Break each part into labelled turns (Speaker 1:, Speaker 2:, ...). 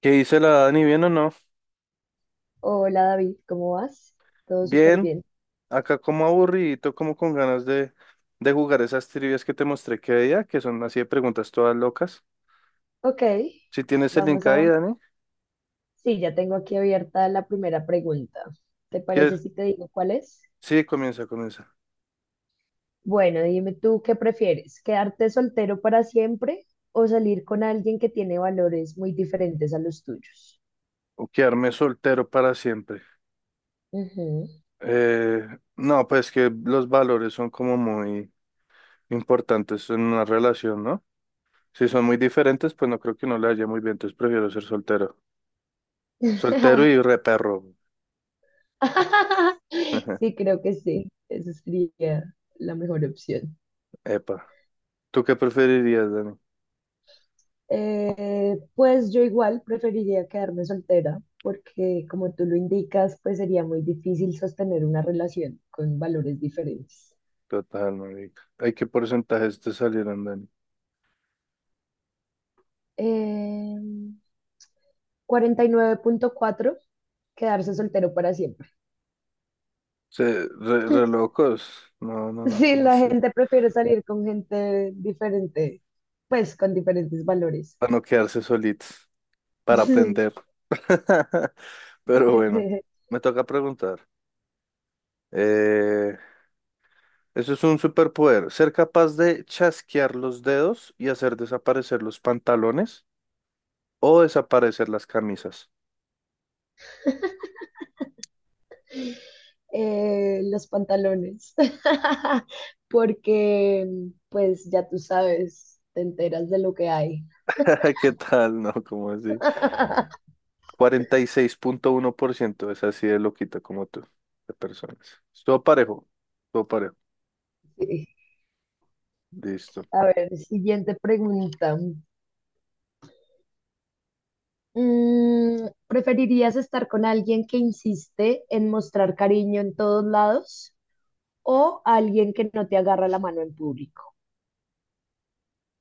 Speaker 1: ¿Qué dice la Dani? ¿Bien o no?
Speaker 2: Hola David, ¿cómo vas? Todo súper
Speaker 1: Bien,
Speaker 2: bien.
Speaker 1: acá como aburridito, como con ganas de jugar esas trivias que te mostré que día, que son así de preguntas todas locas.
Speaker 2: Ok,
Speaker 1: Si tienes el link
Speaker 2: vamos
Speaker 1: ahí,
Speaker 2: a...
Speaker 1: Dani,
Speaker 2: Sí, ya tengo aquí abierta la primera pregunta. ¿Te
Speaker 1: que
Speaker 2: parece si te digo cuál es?
Speaker 1: sí, comienza, comienza.
Speaker 2: Bueno, dime tú qué prefieres, quedarte soltero para siempre o salir con alguien que tiene valores muy diferentes a los tuyos.
Speaker 1: O quedarme soltero para siempre.
Speaker 2: Ujú.
Speaker 1: Eh, no, pues que los valores son como muy importantes en una relación, ¿no? Si son muy diferentes, pues no creo que no le haya muy bien, entonces prefiero ser soltero. Soltero y re perro.
Speaker 2: Sí, creo que sí. Esa sería la mejor opción.
Speaker 1: Epa. ¿Tú qué preferirías, Dani?
Speaker 2: Pues yo igual preferiría quedarme soltera porque como tú lo indicas, pues sería muy difícil sostener una relación con valores diferentes.
Speaker 1: Total, marica. Hay qué porcentajes te salieron, Dani.
Speaker 2: Eh, 49,4 quedarse soltero para siempre.
Speaker 1: Se, re locos. No, no, no,
Speaker 2: Sí,
Speaker 1: ¿cómo
Speaker 2: la
Speaker 1: así?
Speaker 2: gente prefiere salir con gente diferente, pues con diferentes valores.
Speaker 1: Para no quedarse solitos, para
Speaker 2: Sí.
Speaker 1: aprender. Pero bueno, me toca preguntar. Eh, eso es un superpoder. ¿Ser capaz de chasquear los dedos y hacer desaparecer los pantalones o desaparecer las camisas?
Speaker 2: Los pantalones, porque pues ya tú sabes, te enteras de lo que hay.
Speaker 1: ¿Qué tal? No, ¿cómo así? 46,1%. Es así de loquito como tú, de personas. Estuvo parejo, estuvo parejo.
Speaker 2: Sí.
Speaker 1: Listo.
Speaker 2: A ver, siguiente pregunta. ¿Preferirías estar con alguien que insiste en mostrar cariño en todos lados o alguien que no te agarra la mano en público?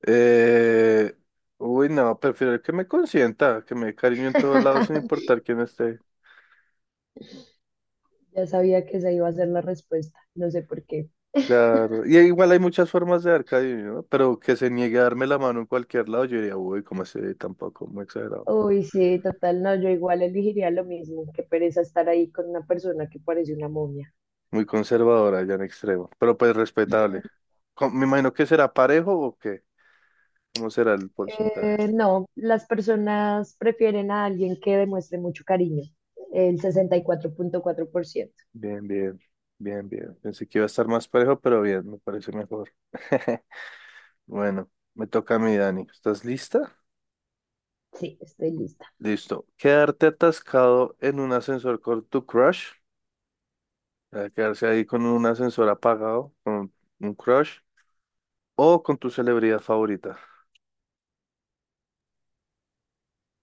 Speaker 1: Eh, uy, no, prefiero que me consienta, que me dé cariño en todos lados sin importar quién esté.
Speaker 2: Ya sabía que esa iba a ser la respuesta, no sé por qué.
Speaker 1: Claro. Y igual hay muchas formas de dar cariño, ¿no? Pero que se niegue a darme la mano en cualquier lado, yo diría, uy, como así tampoco, muy exagerado.
Speaker 2: Uy, sí, total, no, yo igual elegiría lo mismo, qué pereza estar ahí con una persona que parece una momia.
Speaker 1: Muy conservadora ya en extremo, pero pues respetable. Me imagino que será parejo o qué, ¿cómo será el porcentaje?
Speaker 2: No, las personas prefieren a alguien que demuestre mucho cariño, el 64 4,4%.
Speaker 1: Bien, bien, bien, bien. Pensé que iba a estar más parejo, pero bien, me parece mejor. Bueno, me toca a mí, Dani. ¿Estás lista?
Speaker 2: Sí, estoy lista.
Speaker 1: Listo. Quedarte atascado en un ascensor con tu crush, o sea, quedarse ahí con un ascensor apagado, con un crush, o con tu celebridad favorita.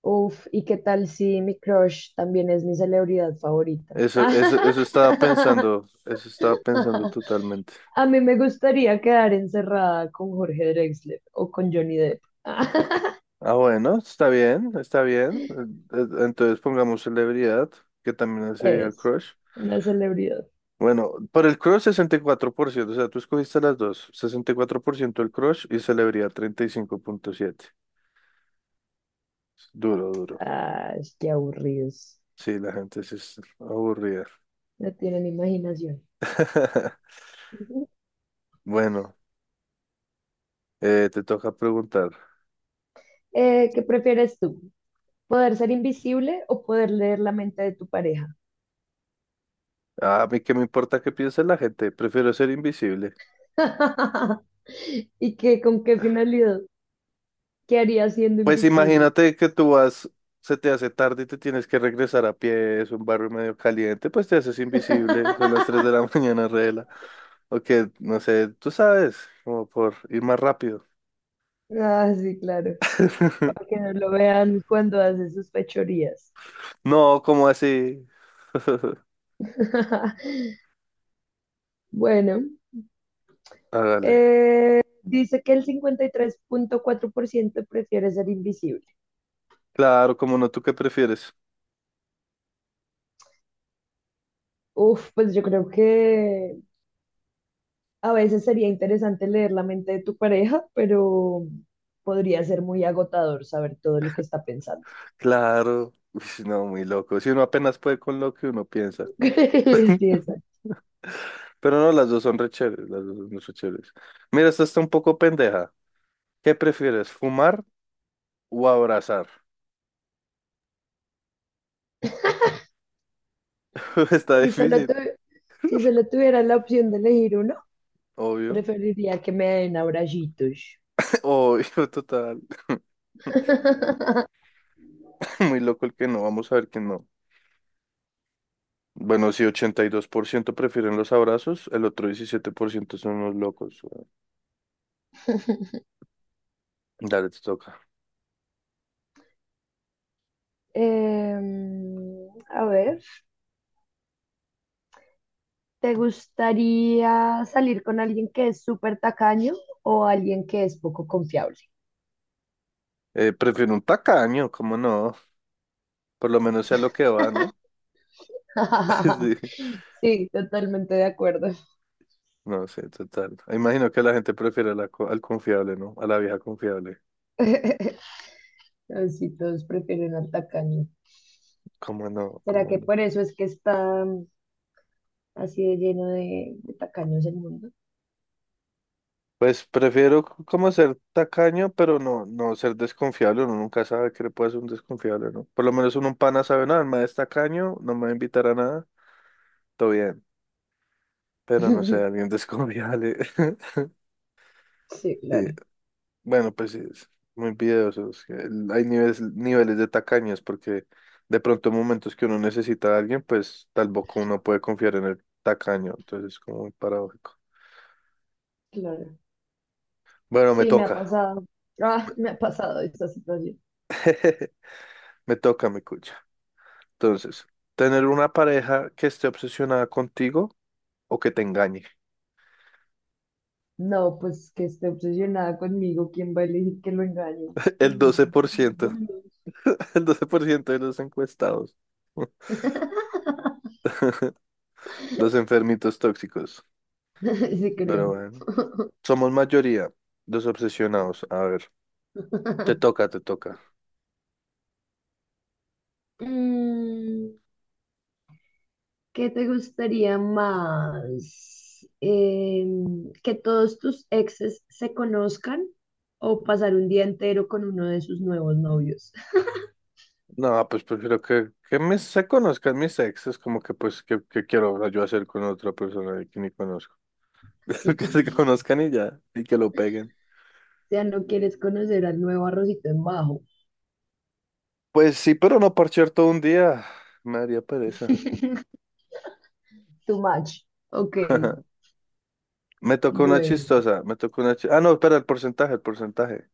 Speaker 2: Uf, ¿y qué tal si mi crush también es mi celebridad favorita?
Speaker 1: Eso, eso estaba pensando totalmente.
Speaker 2: A mí me gustaría quedar encerrada con Jorge Drexler o con Johnny Depp.
Speaker 1: Ah, bueno, está bien, está bien. Entonces pongamos celebridad, que también sería el
Speaker 2: Es
Speaker 1: crush.
Speaker 2: una celebridad.
Speaker 1: Bueno, por el crush 64%, o sea, tú escogiste las dos, 64% el crush y celebridad 35,7. Duro, duro.
Speaker 2: Ay, qué aburridos.
Speaker 1: Sí, la gente sí es aburrida.
Speaker 2: No tienen imaginación. Ujú.
Speaker 1: Bueno, te toca preguntar.
Speaker 2: ¿Qué prefieres tú? ¿Poder ser invisible o poder leer la mente de tu pareja?
Speaker 1: A mí qué me importa qué piense la gente, prefiero ser invisible.
Speaker 2: ¿Y qué, con qué finalidad? ¿Qué harías siendo
Speaker 1: Pues
Speaker 2: invisible?
Speaker 1: imagínate que tú vas, se te hace tarde y te tienes que regresar a pie, es un barrio medio caliente, pues te haces invisible, son las 3 de la mañana, regla. O que, no sé, tú sabes, como por ir más rápido.
Speaker 2: Ah, sí, claro. Para que no lo vean cuando hace sus fechorías.
Speaker 1: No, como así?
Speaker 2: Bueno,
Speaker 1: Hágale.
Speaker 2: dice que el 53.4% prefiere ser invisible.
Speaker 1: Claro, como no, ¿tú qué prefieres?
Speaker 2: Uf, pues yo creo que a veces sería interesante leer la mente de tu pareja, pero podría ser muy agotador saber todo lo que está pensando.
Speaker 1: Claro, uy, no, muy loco. Si uno apenas puede con lo que uno piensa.
Speaker 2: Sí, exacto.
Speaker 1: Pero no, las dos son re chéveres, las dos son re chéveres. Mira, esta está un poco pendeja. ¿Qué prefieres, fumar o abrazar? Está
Speaker 2: Si solo tu-
Speaker 1: difícil,
Speaker 2: si solo tuvieras la opción de elegir uno,
Speaker 1: obvio.
Speaker 2: preferiría que me den abrayitos.
Speaker 1: Obvio, total. Muy loco el que no, vamos a ver que no. Bueno, sí, ciento prefieren los abrazos, el otro 17% son los locos, güey. Dale, te toca.
Speaker 2: A ver, ¿te gustaría salir con alguien que es súper tacaño o alguien que es poco confiable?
Speaker 1: Prefiero un tacaño, ¿cómo no? Por lo menos sea lo que va, ¿no? Sí.
Speaker 2: Sí, totalmente de acuerdo.
Speaker 1: No sé, total. Imagino que la gente prefiere al confiable, ¿no? A la vieja confiable.
Speaker 2: Así todos prefieren al tacaño.
Speaker 1: ¿Cómo no?
Speaker 2: ¿Será
Speaker 1: ¿Cómo
Speaker 2: que
Speaker 1: no?
Speaker 2: por eso es que está así de lleno de tacaños el mundo?
Speaker 1: Pues prefiero como ser tacaño, pero no, no ser desconfiable. Uno nunca sabe que le puede ser un desconfiable, ¿no? Por lo menos uno un pana sabe, nada el mae es tacaño, no me va a invitar a nada, todo bien. Pero no sé, alguien desconfiable.
Speaker 2: Sí,
Speaker 1: Sí,
Speaker 2: claro.
Speaker 1: bueno, pues sí, es muy piadosos. Hay niveles, niveles de tacaños porque de pronto en momentos que uno necesita a alguien, pues tampoco uno puede confiar en el tacaño. Entonces es como muy paradójico.
Speaker 2: Claro.
Speaker 1: Bueno, me
Speaker 2: Sí, me ha
Speaker 1: toca,
Speaker 2: pasado. Ah, me ha pasado esta situación.
Speaker 1: me toca, mi cucha. Entonces, tener una pareja que esté obsesionada contigo o que te engañe.
Speaker 2: No, pues que esté obsesionada conmigo, ¿quién va a elegir que lo engañe?
Speaker 1: El
Speaker 2: Uy,
Speaker 1: 12%
Speaker 2: bueno.
Speaker 1: el 12% de los encuestados, los enfermitos tóxicos.
Speaker 2: Sí,
Speaker 1: Pero
Speaker 2: creo.
Speaker 1: bueno, somos mayoría, los obsesionados. A ver, te toca, te toca.
Speaker 2: Mm, ¿qué te gustaría más? ¿Que todos tus exes se conozcan o pasar un día entero con uno de sus nuevos novios?
Speaker 1: No, pues prefiero que se conozcan mis exes, como que pues, que quiero yo hacer con otra persona que ni conozco. Que se conozcan y ya, y que lo peguen.
Speaker 2: O sea, no quieres conocer al nuevo arrocito en bajo.
Speaker 1: Pues sí, pero no parchear todo un día, me daría pereza.
Speaker 2: Too much. Ok,
Speaker 1: Me tocó una
Speaker 2: bueno.
Speaker 1: chistosa, me tocó una chistosa. Ah, no, espera, el porcentaje, el porcentaje.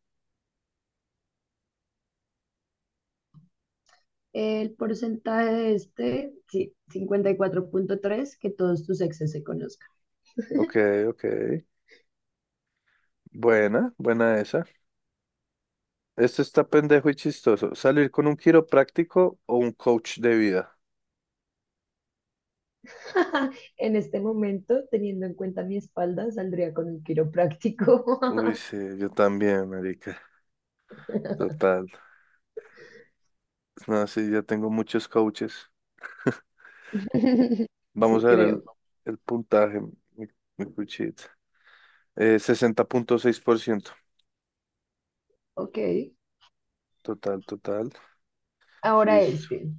Speaker 2: El porcentaje de este, sí, 54,3 que todos tus exes se conozcan.
Speaker 1: Ok, ok. Buena, buena esa. Este está pendejo y chistoso. ¿Salir con un quiropráctico o un coach de vida?
Speaker 2: En este momento, teniendo en cuenta mi espalda, saldría con un quiropráctico.
Speaker 1: Uy, sí, yo también, marica. Total. No, sí, ya tengo muchos coaches.
Speaker 2: Sí,
Speaker 1: Vamos a ver
Speaker 2: creo.
Speaker 1: el puntaje, mi cuchita. 60,6%.
Speaker 2: Ok.
Speaker 1: Total, total.
Speaker 2: Ahora
Speaker 1: Listo.
Speaker 2: este.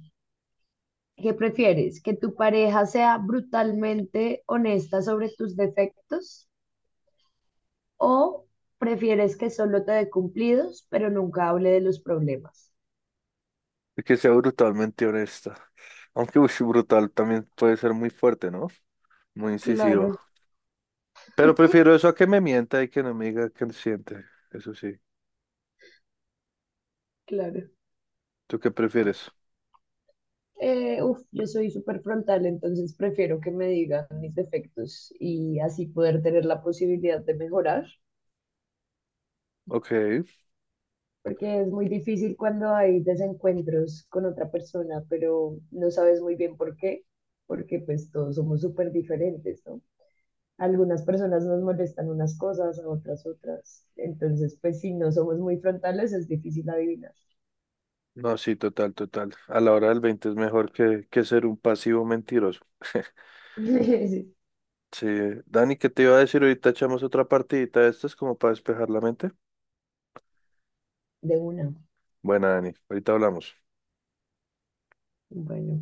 Speaker 2: ¿Qué prefieres? ¿Que tu pareja sea brutalmente honesta sobre tus defectos o prefieres que solo te dé cumplidos, pero nunca hable de los problemas?
Speaker 1: Y que sea brutalmente honesta. Aunque uy, sí, brutal también puede ser muy fuerte, ¿no? Muy incisivo.
Speaker 2: Claro.
Speaker 1: Pero prefiero eso a que me mienta y que no me diga qué siente. Eso sí.
Speaker 2: Claro.
Speaker 1: ¿Tú qué prefieres?
Speaker 2: Uf, yo soy súper frontal, entonces prefiero que me digan mis defectos y así poder tener la posibilidad de mejorar,
Speaker 1: Ok.
Speaker 2: porque es muy difícil cuando hay desencuentros con otra persona, pero no sabes muy bien por qué, porque pues todos somos súper diferentes, ¿no? Algunas personas nos molestan unas cosas, a otras otras. Entonces, pues si no somos muy frontales, es difícil adivinar.
Speaker 1: No, sí, total, total. A la hora del 20 es mejor que, ser un pasivo mentiroso.
Speaker 2: Sí,
Speaker 1: Sí, Dani, ¿qué te iba a decir? Ahorita echamos otra partidita de estas como para despejar la mente.
Speaker 2: de una.
Speaker 1: Buena, Dani, ahorita hablamos.
Speaker 2: Bueno,